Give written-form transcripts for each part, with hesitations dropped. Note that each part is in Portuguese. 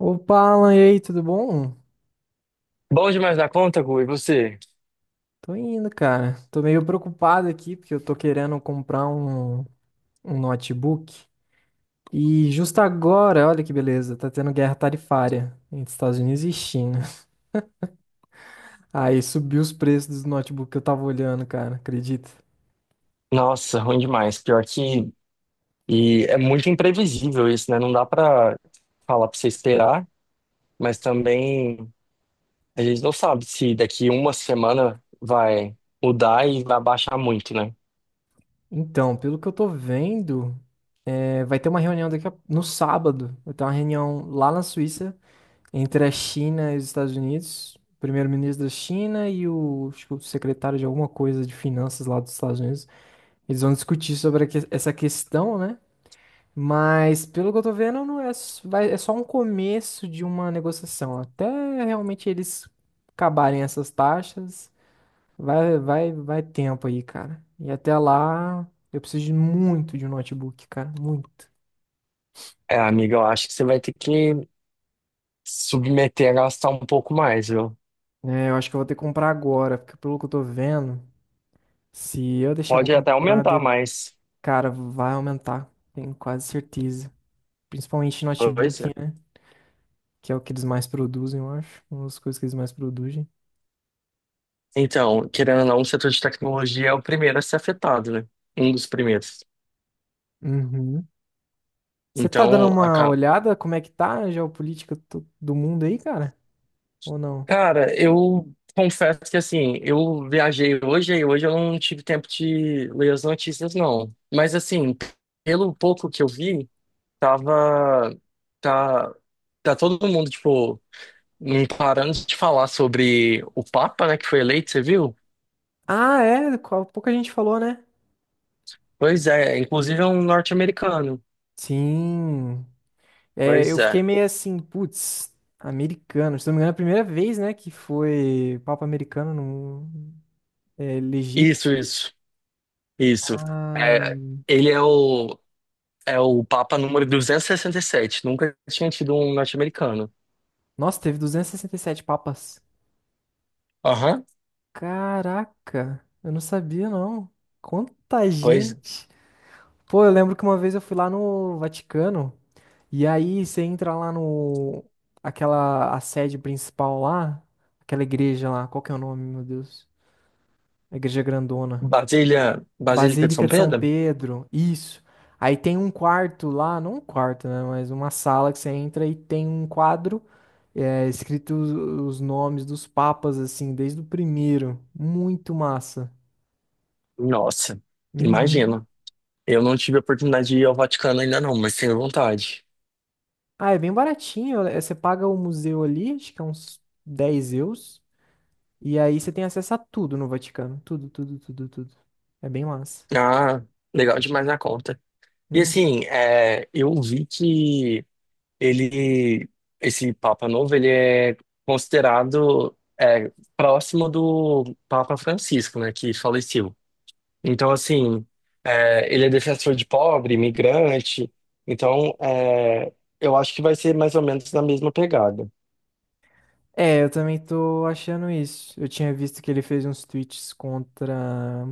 Opa, Alan, e aí, tudo bom? Bom demais da conta, Gu, e você? Tô indo, cara. Tô meio preocupado aqui porque eu tô querendo comprar um notebook. E justo agora, olha que beleza, tá tendo guerra tarifária entre Estados Unidos e China. Aí subiu os preços dos notebooks que eu tava olhando, cara, acredita? Nossa, ruim demais. Pior que. E é muito imprevisível isso, né? Não dá pra falar pra você esperar, mas também a gente não sabe se daqui uma semana vai mudar e vai baixar muito, né? Então, pelo que eu tô vendo, vai ter uma reunião daqui a... no sábado. Vai ter uma reunião lá na Suíça entre a China e os Estados Unidos, o primeiro-ministro da China e o, acho que o secretário de alguma coisa de finanças lá dos Estados Unidos, eles vão discutir sobre essa questão, né? Mas pelo que eu tô vendo, não é, é só um começo de uma negociação. Até realmente eles acabarem essas taxas, vai tempo aí, cara. E até lá, eu preciso de muito de um notebook, cara, muito. É, amiga, eu acho que você vai ter que submeter a gastar um pouco mais, viu? É, eu acho que eu vou ter que comprar agora, porque pelo que eu tô vendo, se eu deixar pra Pode até comprar. aumentar mais Cara, vai aumentar, tenho quase certeza. Principalmente notebook, coisa. né? Que é o que eles mais produzem, eu acho. Uma das coisas que eles mais produzem. Então, querendo ou não, o setor de tecnologia é o primeiro a ser afetado, né? Um dos primeiros. Uhum. Você tá dando Então, uma olhada como é que tá a geopolítica do mundo aí, cara? Ou não? cara, eu confesso que assim, eu viajei hoje e hoje eu não tive tempo de ler as notícias, não. Mas assim, pelo pouco que eu vi, tava. Tá, tá todo mundo, tipo, não parando de falar sobre o Papa, né, que foi eleito, você viu? Ah, é, qual pouca gente falou, né? Pois é, inclusive é um norte-americano. Sim. É, Pois eu fiquei é. meio assim, putz, americano. Se não me engano, é a primeira vez, né, que foi Papa americano no, elegido. Isso, isso, isso. Ah, É, ele é o, é o Papa número duzentos e sessenta e sete. Nunca tinha tido um norte-americano. nossa, teve 267 papas. Aham. Caraca, eu não sabia, não. Quanta Pois gente. Pô, eu lembro que uma vez eu fui lá no Vaticano e aí você entra lá no aquela a sede principal lá, aquela igreja lá, qual que é o nome, meu Deus? A igreja grandona. Basília, Basílica de São Basílica de São Pedro? Pedro. Isso. Aí tem um quarto lá, não um quarto, né, mas uma sala que você entra e tem um quadro escrito os nomes dos papas assim, desde o primeiro. Muito massa. Nossa, Uhum. imagino. Eu não tive a oportunidade de ir ao Vaticano ainda não, mas tenho vontade. Ah, é bem baratinho. Você paga o museu ali, acho que é uns 10 euros. E aí você tem acesso a tudo no Vaticano. Tudo, tudo, tudo, tudo. É bem massa. Ah, legal demais na conta. E Uhum. assim, eu vi que ele, esse Papa novo, ele é considerado próximo do Papa Francisco, né, que faleceu. Então, assim, ele é defensor de pobre, imigrante. Então, eu acho que vai ser mais ou menos na mesma pegada. É, eu também tô achando isso. Eu tinha visto que ele fez uns tweets contra.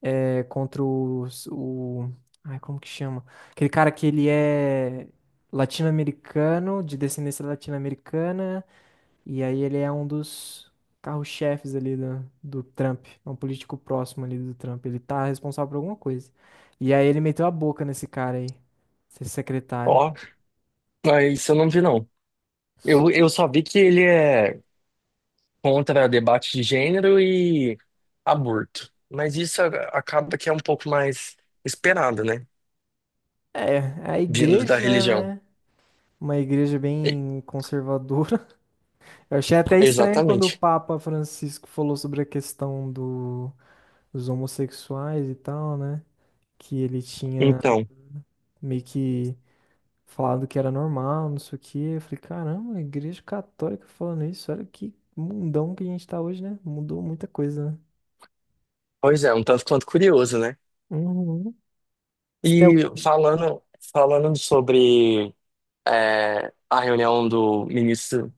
É, contra os, o. Ai, como que chama? Aquele cara que ele é latino-americano, de descendência latino-americana. E aí ele é um dos carro-chefes ali do Trump. É um político próximo ali do Trump. Ele tá responsável por alguma coisa. E aí ele meteu a boca nesse cara aí, esse secretário. Ó, ah, isso eu não vi, não. Eu só vi que ele é contra debate de gênero e aborto. Mas acaba que é um pouco mais esperado, né? É, é a Vindo da igreja, religião. né? Uma igreja E- bem conservadora. Eu achei até estranho quando o exatamente. Papa Francisco falou sobre a questão do, dos homossexuais e tal, né? Que ele tinha Então, meio que falado que era normal, não sei o quê. Eu falei, caramba, a igreja católica falando isso, olha que mundão que a gente tá hoje, né? Mudou muita coisa, né? pois é, um tanto quanto curioso, né? Uhum. Você tem E algum. Falando sobre a reunião do ministro.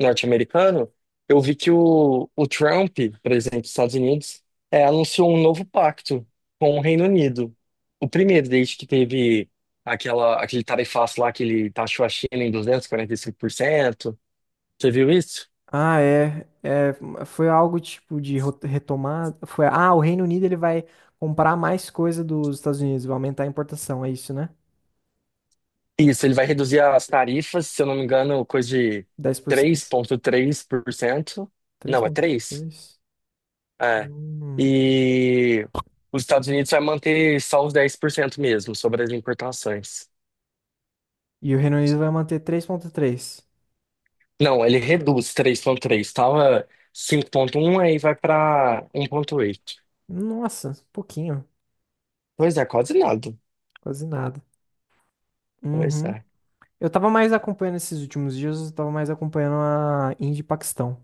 Norte-americano, eu vi que o Trump, presidente dos Estados Unidos, anunciou um novo pacto com o Reino Unido. O primeiro, desde que teve aquele tarifaço lá que ele taxou a China em duzentos e quarenta e cinco por cento. Você viu isso? Ah, é, é. Foi algo tipo de retomar. Foi, o Reino Unido ele vai comprar mais coisa dos Estados Unidos, vai aumentar a importação, é isso, né? Isso, ele vai reduzir as tarifas, se eu não me engano, coisa de 3,3%. Não, é 10%. três? É. 3,3. Hum. E os Estados Unidos vai manter só os 10% mesmo sobre as importações. E o Reino Unido vai manter três vírgula três. Não, ele reduz 3,3. Tava 5.1 aí vai pra 1.8. Nossa, pouquinho, Pois é, quase nada. quase nada. Pois Uhum. é. Eu tava mais acompanhando esses últimos dias, eu tava mais acompanhando a Índia e Paquistão.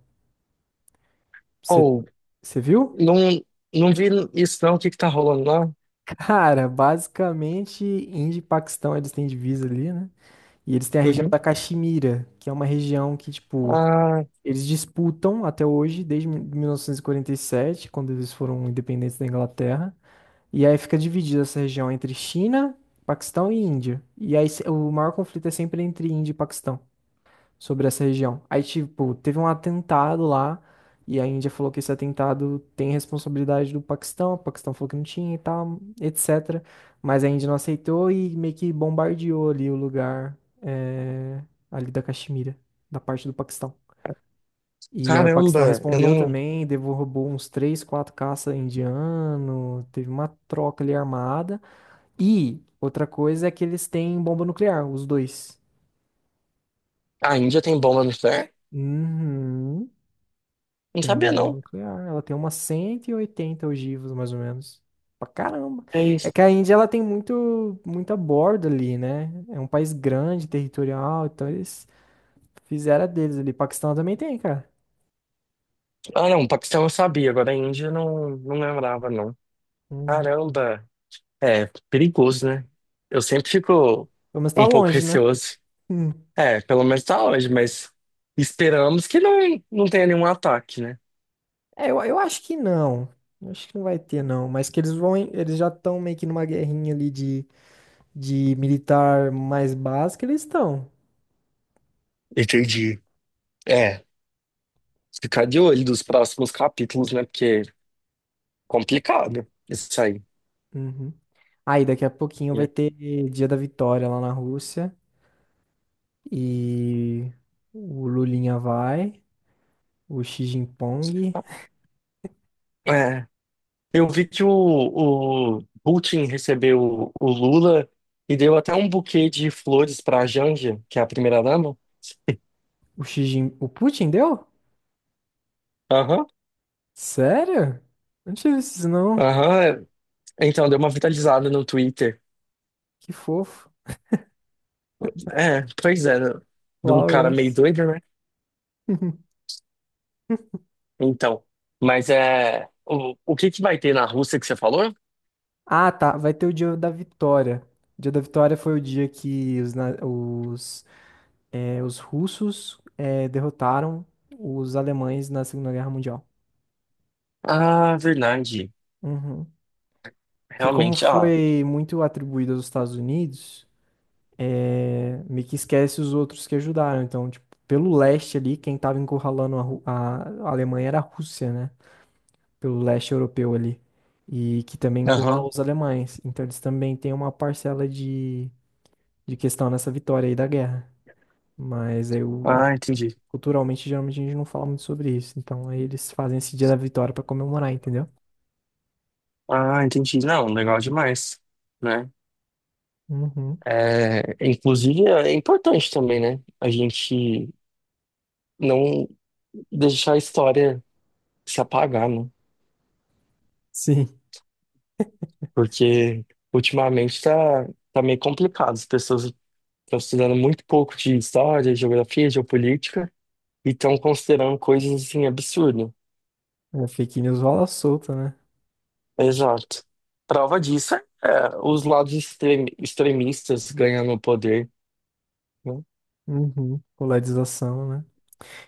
Você Ou, você viu? não, não vi isso não, o que que tá rolando lá? Cara, basicamente, Índia e Paquistão, eles têm divisa ali, né? E eles têm a região da Uhum. Caxemira, que é uma região que, tipo, Ah, eles disputam até hoje, desde 1947, quando eles foram independentes da Inglaterra. E aí fica dividida essa região entre China, Paquistão e Índia. E aí o maior conflito é sempre entre Índia e Paquistão sobre essa região. Aí, tipo, teve um atentado lá, e a Índia falou que esse atentado tem responsabilidade do Paquistão, o Paquistão falou que não tinha e tal, etc. Mas a Índia não aceitou e meio que bombardeou ali o lugar, eh, ali da Caxemira, da parte do Paquistão. E aí o Paquistão caramba, eu respondeu não... também, derrubou uns três, quatro caça indiano, teve uma troca ali armada. E outra coisa é que eles têm bomba nuclear, os dois. A Índia tem bomba nuclear? Uhum. Não Tem sabia, bomba não. nuclear. Ela tem umas 180 ogivas, mais ou menos. Pra caramba. É É isso. que a Índia, ela tem muito, muita borda ali, né? É um país grande, territorial, então eles fizeram a deles ali. Paquistão também tem, cara. Ah, não, o Paquistão eu sabia, agora a Índia não, não lembrava, não. Hum. Caramba, é perigoso, né? Eu sempre fico Pelo menos tá um pouco longe, né? receoso. Hum. É, pelo menos tá hoje, mas esperamos que não, não tenha nenhum ataque, né? É, eu acho que não. Eu acho que não vai ter, não. Mas que eles vão, eles já estão meio que numa guerrinha ali de militar mais básica, eles estão. Entendi. É, ficar de olho dos próximos capítulos, né? Porque é complicado isso aí, Uhum. Aí daqui a pouquinho vai né? ter Dia da Vitória lá na Rússia. E o Lulinha vai, o Xi Jinping, É, eu vi que o Putin recebeu o Lula e deu até um buquê de flores pra Janja, que é a primeira-dama. o Xi Jin... o Putin deu? Aham, Sério? Não tive isso não. aham. É. Então, deu uma vitalizada no Twitter. Que fofo. É, pois é, de um cara meio Flowers. doido, né? Então, mas é. O que que vai ter na Rússia que você falou? Ah, tá. Vai ter o dia da vitória. O dia da vitória foi o dia que os russos derrotaram os alemães na Segunda Guerra Mundial. Ah, verdade. Uhum. Porque como Realmente, ah. foi muito atribuído aos Estados Unidos, meio que esquece os outros que ajudaram. Então, tipo, pelo leste ali, quem tava encurralando a Alemanha era a Rússia, né? Pelo leste europeu ali. E que também encurralou Aham. os alemães. Então, eles também têm uma parcela de questão nessa vitória aí da guerra. Mas aí, Ah, entendi. culturalmente, geralmente a gente não fala muito sobre isso. Então, aí eles fazem esse dia da vitória pra comemorar, entendeu? Ah, entendi. Não, legal demais, né? Uhum. É, inclusive, é importante também, né? A gente não deixar a história se apagar, né? Sim. Porque ultimamente tá, tá meio complicado. As pessoas estão estudando muito pouco de história, geografia, geopolítica. E estão considerando coisas assim absurdas. A fake news rola solta, né? Exato. Prova disso é os lados extremistas ganhando o poder. Né? Uhum. Polarização, né?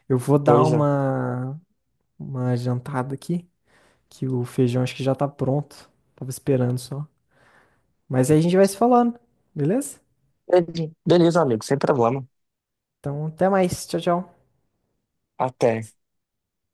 Eu vou dar Pois é. uma. Uma jantada aqui, que o feijão acho que já tá pronto. Tava esperando só. Mas aí a gente vai se falando, beleza? Beleza, amigo, sem problema. Então, até mais. Tchau, tchau. Até.